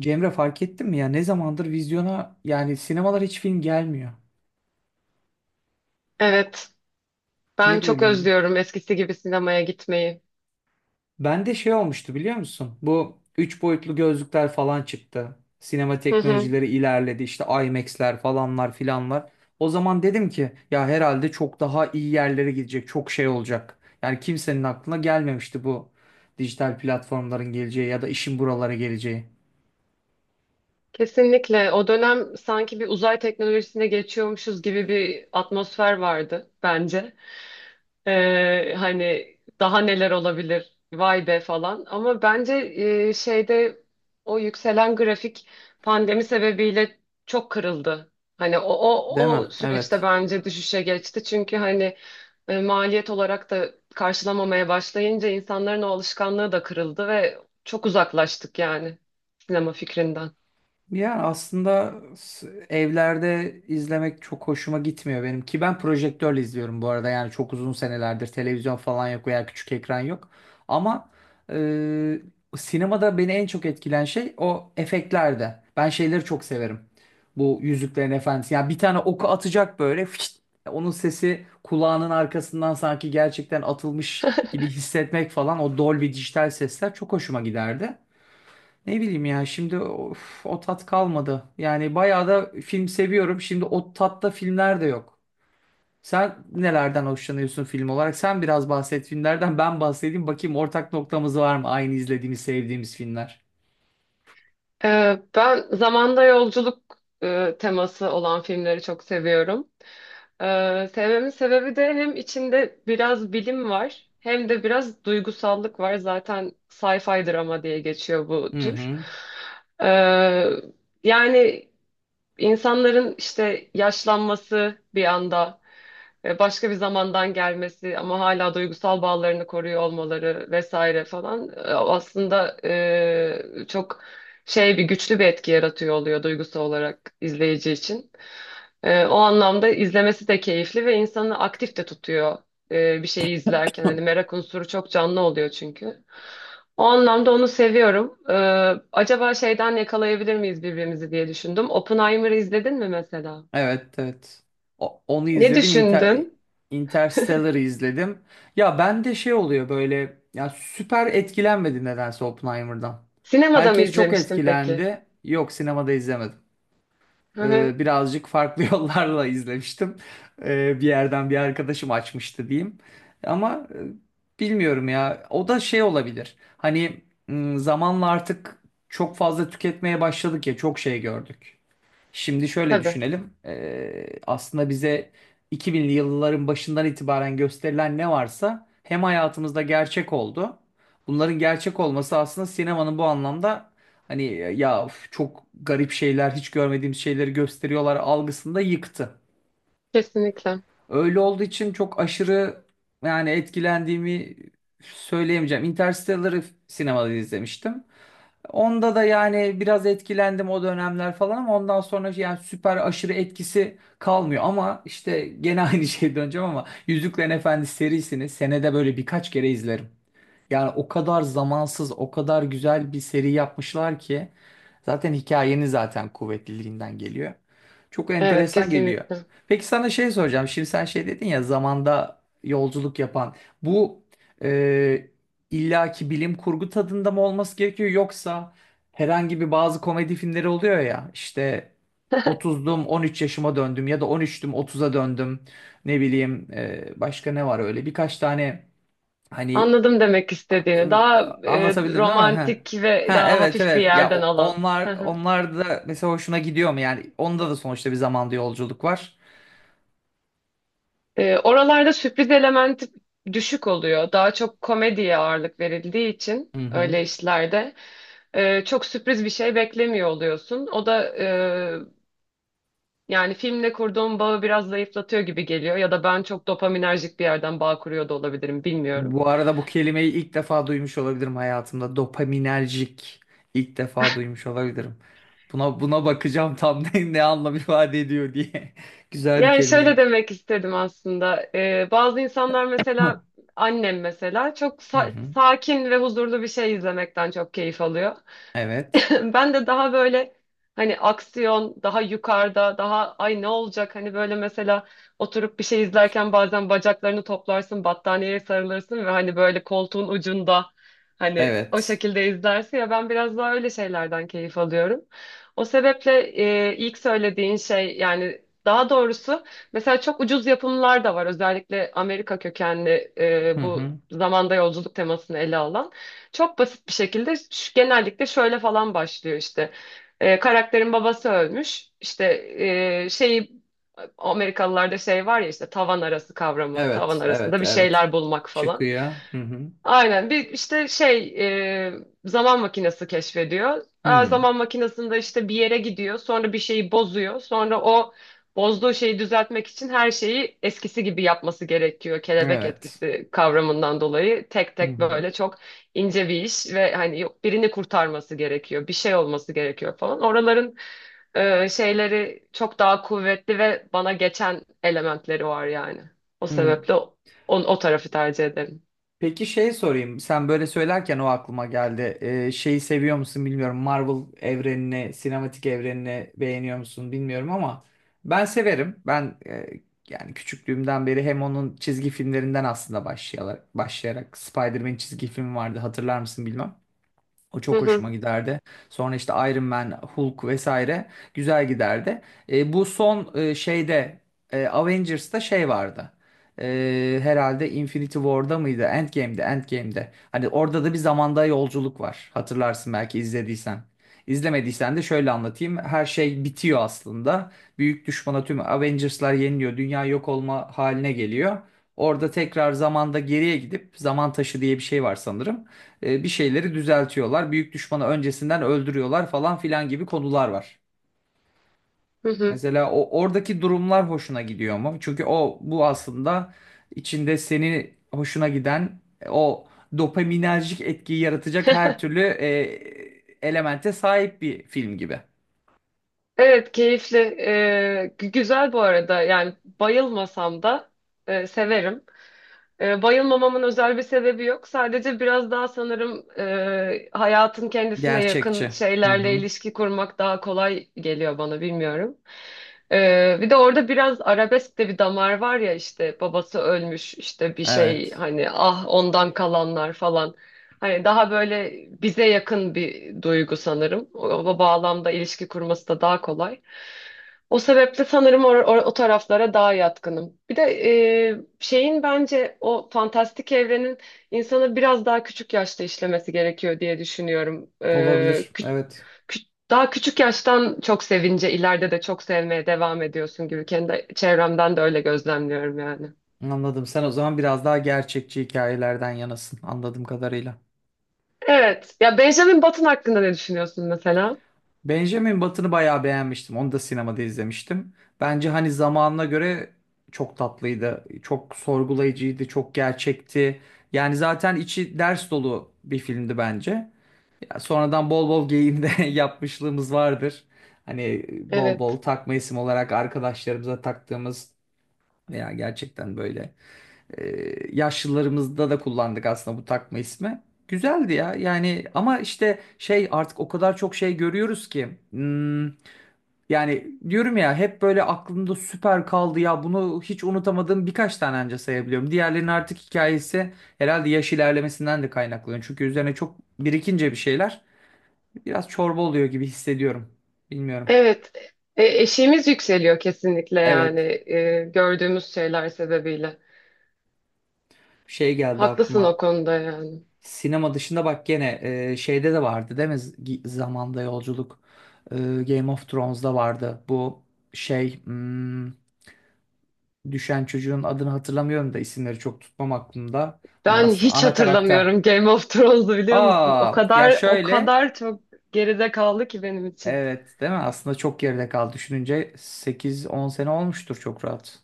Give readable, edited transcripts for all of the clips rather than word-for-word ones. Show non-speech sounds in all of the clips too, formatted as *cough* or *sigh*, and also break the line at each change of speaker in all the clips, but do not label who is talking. Cemre fark ettin mi ya ne zamandır vizyona yani sinemalar hiç film gelmiyor.
Evet, ben
Niye
çok
böyle oluyor?
özlüyorum eskisi gibi sinemaya gitmeyi.
Bende şey olmuştu biliyor musun? Bu 3 boyutlu gözlükler falan çıktı. Sinema
Hı hı.
teknolojileri ilerledi işte IMAX'ler falanlar filanlar. O zaman dedim ki ya herhalde çok daha iyi yerlere gidecek çok şey olacak. Yani kimsenin aklına gelmemişti bu dijital platformların geleceği ya da işin buralara geleceği.
Kesinlikle. O dönem sanki bir uzay teknolojisine geçiyormuşuz gibi bir atmosfer vardı bence. Hani daha neler olabilir vay be falan ama bence şeyde o yükselen grafik pandemi sebebiyle çok kırıldı. Hani o, o,
Değil mi?
o süreçte
Evet.
bence düşüşe geçti çünkü hani maliyet olarak da karşılamamaya başlayınca insanların o alışkanlığı da kırıldı ve çok uzaklaştık yani sinema fikrinden.
Yani aslında evlerde izlemek çok hoşuma gitmiyor benim ki ben projektörle izliyorum bu arada yani çok uzun senelerdir televizyon falan yok veya küçük ekran yok ama e, sinemada beni en çok etkilen şey o efektlerde ben şeyleri çok severim bu Yüzüklerin Efendisi yani bir tane oku atacak böyle fişt, onun sesi kulağının arkasından sanki gerçekten atılmış gibi hissetmek falan o Dolby dijital sesler çok hoşuma giderdi. Ne bileyim ya şimdi of, o tat kalmadı. Yani bayağı da film seviyorum. Şimdi o tatta filmler de yok. Sen nelerden hoşlanıyorsun film olarak? Sen biraz bahset filmlerden ben bahsedeyim. Bakayım ortak noktamız var mı? Aynı izlediğimiz, sevdiğimiz filmler.
Ben zamanda yolculuk teması olan filmleri çok seviyorum. Sevmemin sebebi de hem içinde biraz bilim var hem de biraz duygusallık var. Zaten sci-fi drama diye geçiyor bu
Hı
tür.
hı.
Ee, yani insanların işte yaşlanması bir anda, başka bir zamandan gelmesi ama hala duygusal bağlarını koruyor olmaları vesaire falan aslında çok şey bir güçlü bir etki yaratıyor oluyor duygusal olarak izleyici için. O anlamda izlemesi de keyifli ve insanı aktif de tutuyor bir şeyi izlerken. Hani
*laughs*
merak unsuru çok canlı oluyor çünkü. O anlamda onu seviyorum. Acaba şeyden yakalayabilir miyiz birbirimizi diye düşündüm. Oppenheimer'ı izledin mi mesela?
Evet, evet. Onu
Ne
izledim.
düşündün?
Interstellar'ı izledim. Ya bende şey oluyor böyle ya süper etkilenmedi nedense Oppenheimer'dan.
Sinemada mı
Herkes çok
izlemiştin peki?
etkilendi. Yok, sinemada izlemedim.
Hı hı.
Birazcık farklı *laughs* yollarla izlemiştim. Bir yerden bir arkadaşım açmıştı diyeyim. Ama bilmiyorum ya. O da şey olabilir. Hani zamanla artık çok fazla tüketmeye başladık ya çok şey gördük. Şimdi şöyle
Tabii.
düşünelim. Aslında bize 2000'li yılların başından itibaren gösterilen ne varsa hem hayatımızda gerçek oldu. Bunların gerçek olması aslında sinemanın bu anlamda hani ya üf, çok garip şeyler, hiç görmediğimiz şeyleri gösteriyorlar algısında yıktı.
Kesinlikle.
Öyle olduğu için çok aşırı yani etkilendiğimi söyleyemeyeceğim. Interstellar'ı sinemada izlemiştim. Onda da yani biraz etkilendim o dönemler falan ama ondan sonra yani süper aşırı etkisi kalmıyor. Ama işte gene *laughs* aynı şeye döneceğim ama Yüzüklerin Efendisi serisini senede böyle birkaç kere izlerim. Yani o kadar zamansız, o kadar güzel bir seri yapmışlar ki zaten hikayenin zaten kuvvetliliğinden geliyor. Çok
Evet,
enteresan geliyor.
kesinlikle.
Peki sana şey soracağım. Şimdi sen şey dedin ya zamanda yolculuk yapan. Bu e, illaki bilim kurgu tadında mı olması gerekiyor yoksa herhangi bir bazı komedi filmleri oluyor ya işte 30'dum 13 yaşıma döndüm ya da 13'tüm 30'a döndüm ne bileyim başka ne var öyle birkaç tane. Hani,
Anladım demek istediğini. Daha
anlatabildim değil mi? Ha.
romantik ve
Ha,
daha
evet,
hafif bir
evet. Ya
yerden
o-
alan.
onlar
*laughs*
onlar da mesela hoşuna gidiyor mu? Yani onda da sonuçta bir zamanda yolculuk var.
Oralarda sürpriz elementi düşük oluyor. Daha çok komediye ağırlık verildiği için
Hı hı.
öyle işlerde çok sürpriz bir şey beklemiyor oluyorsun. O da yani filmle kurduğum bağı biraz zayıflatıyor gibi geliyor. Ya da ben çok dopaminerjik bir yerden bağ kuruyor da olabilirim, bilmiyorum.
Bu arada bu kelimeyi ilk defa duymuş olabilirim hayatımda. Dopaminerjik ilk defa duymuş olabilirim. Buna bakacağım tam *laughs* ne anlam ifade ediyor diye. *laughs* Güzel bir
Yani şöyle
kelimeyi.
demek istedim aslında. Bazı insanlar
Hı
mesela annem mesela çok
hı.
sakin ve huzurlu bir şey izlemekten çok keyif alıyor.
Evet.
*laughs* Ben de daha böyle hani aksiyon, daha yukarıda, daha ay ne olacak hani böyle mesela oturup bir şey izlerken bazen bacaklarını toplarsın, battaniyeye sarılırsın ve hani böyle koltuğun ucunda hani o
Evet.
şekilde izlersin ya ben biraz daha öyle şeylerden keyif alıyorum. O sebeple ilk söylediğin şey yani daha doğrusu mesela çok ucuz yapımlar da var özellikle Amerika kökenli
Hı
bu
hı.
zamanda yolculuk temasını ele alan. Çok basit bir şekilde genellikle şöyle falan başlıyor işte. Karakterin babası ölmüş. İşte şeyi Amerikalılarda şey var ya işte tavan arası kavramı. Tavan
Evet, evet,
arasında bir
evet.
şeyler bulmak falan.
Çıkıyor. Hı hı.
Aynen bir işte şey e, zaman makinesi keşfediyor. Aa,
Hı.
zaman makinesinde işte bir yere gidiyor sonra bir şeyi bozuyor. Sonra o bozduğu şeyi düzeltmek için her şeyi eskisi gibi yapması gerekiyor. Kelebek
Evet.
etkisi kavramından dolayı tek
Hı
tek
hı.
böyle çok ince bir iş ve hani yok birini kurtarması gerekiyor bir şey olması gerekiyor falan. Oraların şeyleri çok daha kuvvetli ve bana geçen elementleri var yani. O
Hı.
sebeple o tarafı tercih ederim.
Peki şey sorayım. Sen böyle söylerken o aklıma geldi. Şeyi seviyor musun bilmiyorum. Marvel evrenini, sinematik evrenini beğeniyor musun bilmiyorum ama ben severim. Ben yani küçüklüğümden beri hem onun çizgi filmlerinden aslında başlayarak Spider-Man çizgi filmi vardı hatırlar mısın bilmem. O
Hı
çok hoşuma
hı,
giderdi. Sonra işte Iron Man, Hulk vesaire güzel giderdi. Bu son şeyde Avengers'ta şey vardı. Herhalde Infinity War'da mıydı? Endgame'de, Endgame'de. Hani orada da bir zamanda yolculuk var. Hatırlarsın belki izlediysen. İzlemediysen de şöyle anlatayım. Her şey bitiyor aslında. Büyük düşmana tüm Avengers'lar yeniliyor. Dünya yok olma haline geliyor. Orada tekrar zamanda geriye gidip zaman taşı diye bir şey var sanırım. Bir şeyleri düzeltiyorlar. Büyük düşmanı öncesinden öldürüyorlar falan filan gibi konular var.
hı hı.
Mesela o oradaki durumlar hoşuna gidiyor mu? Çünkü o bu aslında içinde seni hoşuna giden o dopaminerjik etkiyi yaratacak her türlü elemente sahip bir film gibi.
Evet keyifli. Güzel bu arada. Yani bayılmasam da severim. Bayılmamamın özel bir sebebi yok. Sadece biraz daha sanırım hayatın kendisine yakın
Gerçekçi. Hı
şeylerle
hı.
ilişki kurmak daha kolay geliyor bana bilmiyorum. Bir de orada biraz arabesk de bir damar var ya işte babası ölmüş işte bir şey
Evet.
hani ah ondan kalanlar falan. Hani daha böyle bize yakın bir duygu sanırım. O bağlamda ilişki kurması da daha kolay. O sebeple sanırım or or o taraflara daha yatkınım. Bir de şeyin bence o fantastik evrenin insanı biraz daha küçük yaşta işlemesi gerekiyor diye düşünüyorum.
Olabilir. Evet.
Daha küçük yaştan çok sevince ileride de çok sevmeye devam ediyorsun gibi kendi çevremden de öyle gözlemliyorum yani.
Anladım. Sen o zaman biraz daha gerçekçi hikayelerden yanasın anladığım kadarıyla.
Evet. Ya Benjamin Button hakkında ne düşünüyorsun mesela?
Benjamin Button'ı bayağı beğenmiştim. Onu da sinemada izlemiştim. Bence hani zamanına göre çok tatlıydı. Çok sorgulayıcıydı, çok gerçekti. Yani zaten içi ders dolu bir filmdi bence. Ya sonradan bol bol geyiğini de *laughs* yapmışlığımız vardır. Hani bol bol
Evet.
takma isim olarak arkadaşlarımıza taktığımız veya gerçekten böyle yaşlılarımızda da kullandık aslında bu takma ismi. Güzeldi ya yani ama işte şey artık o kadar çok şey görüyoruz ki. Yani diyorum ya hep böyle aklımda süper kaldı ya bunu hiç unutamadığım birkaç tane anca sayabiliyorum. Diğerlerinin artık hikayesi herhalde yaş ilerlemesinden de kaynaklanıyor. Çünkü üzerine çok birikince bir şeyler biraz çorba oluyor gibi hissediyorum. Bilmiyorum.
Evet. Eşiğimiz yükseliyor kesinlikle yani
Evet,
gördüğümüz şeyler sebebiyle.
şey geldi
Haklısın o
aklıma,
konuda yani.
sinema dışında bak gene şeyde de vardı değil mi? Zamanda yolculuk. E, Game of Thrones'da vardı bu şey, düşen çocuğun adını hatırlamıyorum da isimleri çok tutmam aklımda. Hani
Ben
aslında
hiç
ana karakter.
hatırlamıyorum Game of Thrones'u biliyor musun? O
Aa ya
kadar o
şöyle,
kadar çok geride kaldı ki benim için.
evet, değil mi? Aslında çok geride kaldı. Düşününce sekiz on sene olmuştur çok rahat.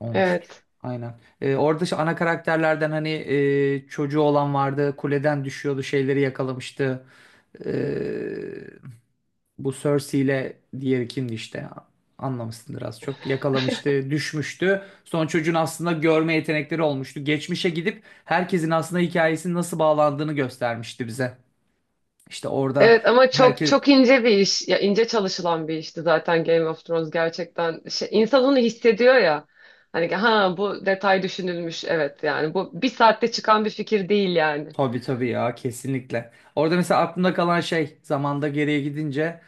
Olmuştur.
Evet.
Aynen. Orada şu ana karakterlerden hani çocuğu olan vardı. Kuleden düşüyordu. Şeyleri yakalamıştı. Ee, Bu Cersei ile diğeri kimdi işte anlamışsındır az çok. Yakalamıştı, düşmüştü. Son çocuğun aslında görme yetenekleri olmuştu. Geçmişe gidip herkesin aslında hikayesinin nasıl bağlandığını göstermişti bize. İşte orada
Evet ama çok
herkes.
çok ince bir iş. Ya ince çalışılan bir işti zaten Game of Thrones gerçekten. Şey, insan onu hissediyor ya. Hani ha bu detay düşünülmüş evet yani bu bir saatte çıkan bir fikir değil yani.
Tabii, tabii ya, kesinlikle. Orada mesela aklımda kalan şey zamanda geriye gidince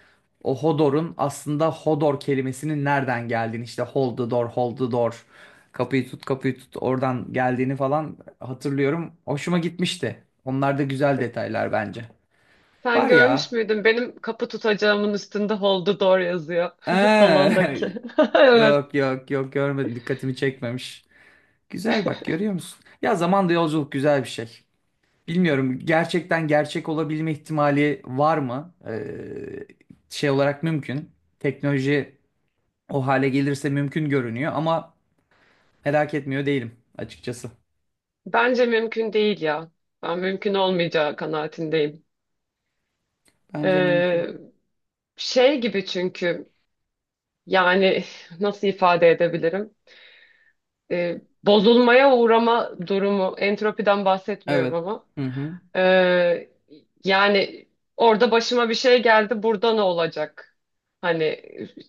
o Hodor'un aslında Hodor kelimesinin nereden geldiğini işte hold the door, hold the door, kapıyı tut kapıyı tut, oradan geldiğini falan hatırlıyorum. Hoşuma gitmişti. Onlar da güzel detaylar bence.
Sen
Var
görmüş
ya.
müydün? Benim kapı tutacağımın üstünde Hold the Door yazıyor. *laughs* Salondaki.
Ee,
*laughs*
*laughs*
Evet.
Yok, yok, yok, görmedim, dikkatimi çekmemiş. Güzel, bak görüyor musun? Ya zamanda yolculuk güzel bir şey. Bilmiyorum, gerçekten gerçek olabilme ihtimali var mı? Şey olarak mümkün. Teknoloji o hale gelirse mümkün görünüyor ama merak etmiyor değilim açıkçası.
Bence mümkün değil ya. Ben mümkün olmayacağı kanaatindeyim.
Bence
Ee,
mümkün.
şey gibi çünkü yani *laughs* nasıl ifade edebilirim? Bozulmaya uğrama durumu. Entropiden
Evet.
bahsetmiyorum.
Hı hı.
Ee, yani orada başıma bir şey geldi, burada ne olacak? Hani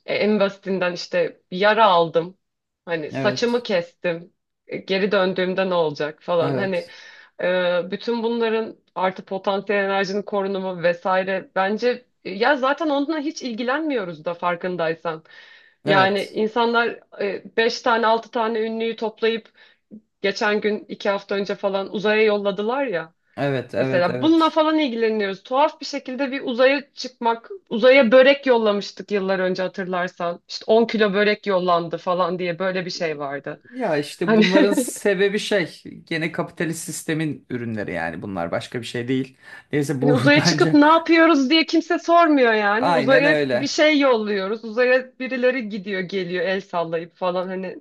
en basitinden işte bir yara aldım. Hani saçımı
Evet.
kestim. Geri döndüğümde ne olacak falan. Hani
Evet.
bütün bunların artı potansiyel enerjinin korunumu vesaire bence ya zaten onunla hiç ilgilenmiyoruz da farkındaysan. Yani
Evet.
insanlar beş tane altı tane ünlüyü toplayıp geçen gün iki hafta önce falan uzaya yolladılar ya.
Evet, evet,
Mesela bununla
evet.
falan ilgileniyoruz. Tuhaf bir şekilde bir uzaya çıkmak, uzaya börek yollamıştık yıllar önce hatırlarsan. İşte 10 kilo börek yollandı falan diye böyle bir şey vardı.
Ya işte
Hani,
bunların sebebi şey, gene kapitalist sistemin ürünleri yani, bunlar başka bir şey değil.
*laughs*
Neyse
hani
bu *laughs*
uzaya çıkıp
bence
ne yapıyoruz diye kimse sormuyor yani.
aynen
Uzaya bir
öyle.
şey yolluyoruz. Uzaya birileri gidiyor, geliyor el sallayıp falan hani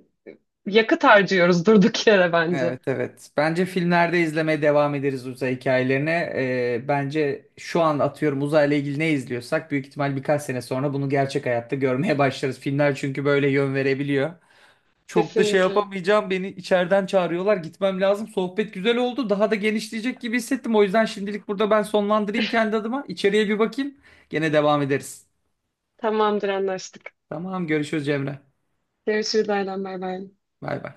yakıt harcıyoruz durduk yere bence.
Evet, evet. Bence filmlerde izlemeye devam ederiz uzay hikayelerine. Bence şu an atıyorum uzayla ilgili ne izliyorsak büyük ihtimal birkaç sene sonra bunu gerçek hayatta görmeye *laughs* başlarız. Filmler çünkü böyle yön verebiliyor. Çok da şey
Kesinlikle.
yapamayacağım. Beni içeriden çağırıyorlar. Gitmem lazım. Sohbet güzel oldu. Daha da genişleyecek gibi hissettim. O yüzden şimdilik burada ben sonlandırayım kendi adıma. İçeriye bir bakayım. Gene devam ederiz.
Tamamdır anlaştık.
Tamam, görüşürüz Cemre.
Görüşürüz Aylan bay bay.
Bay bay.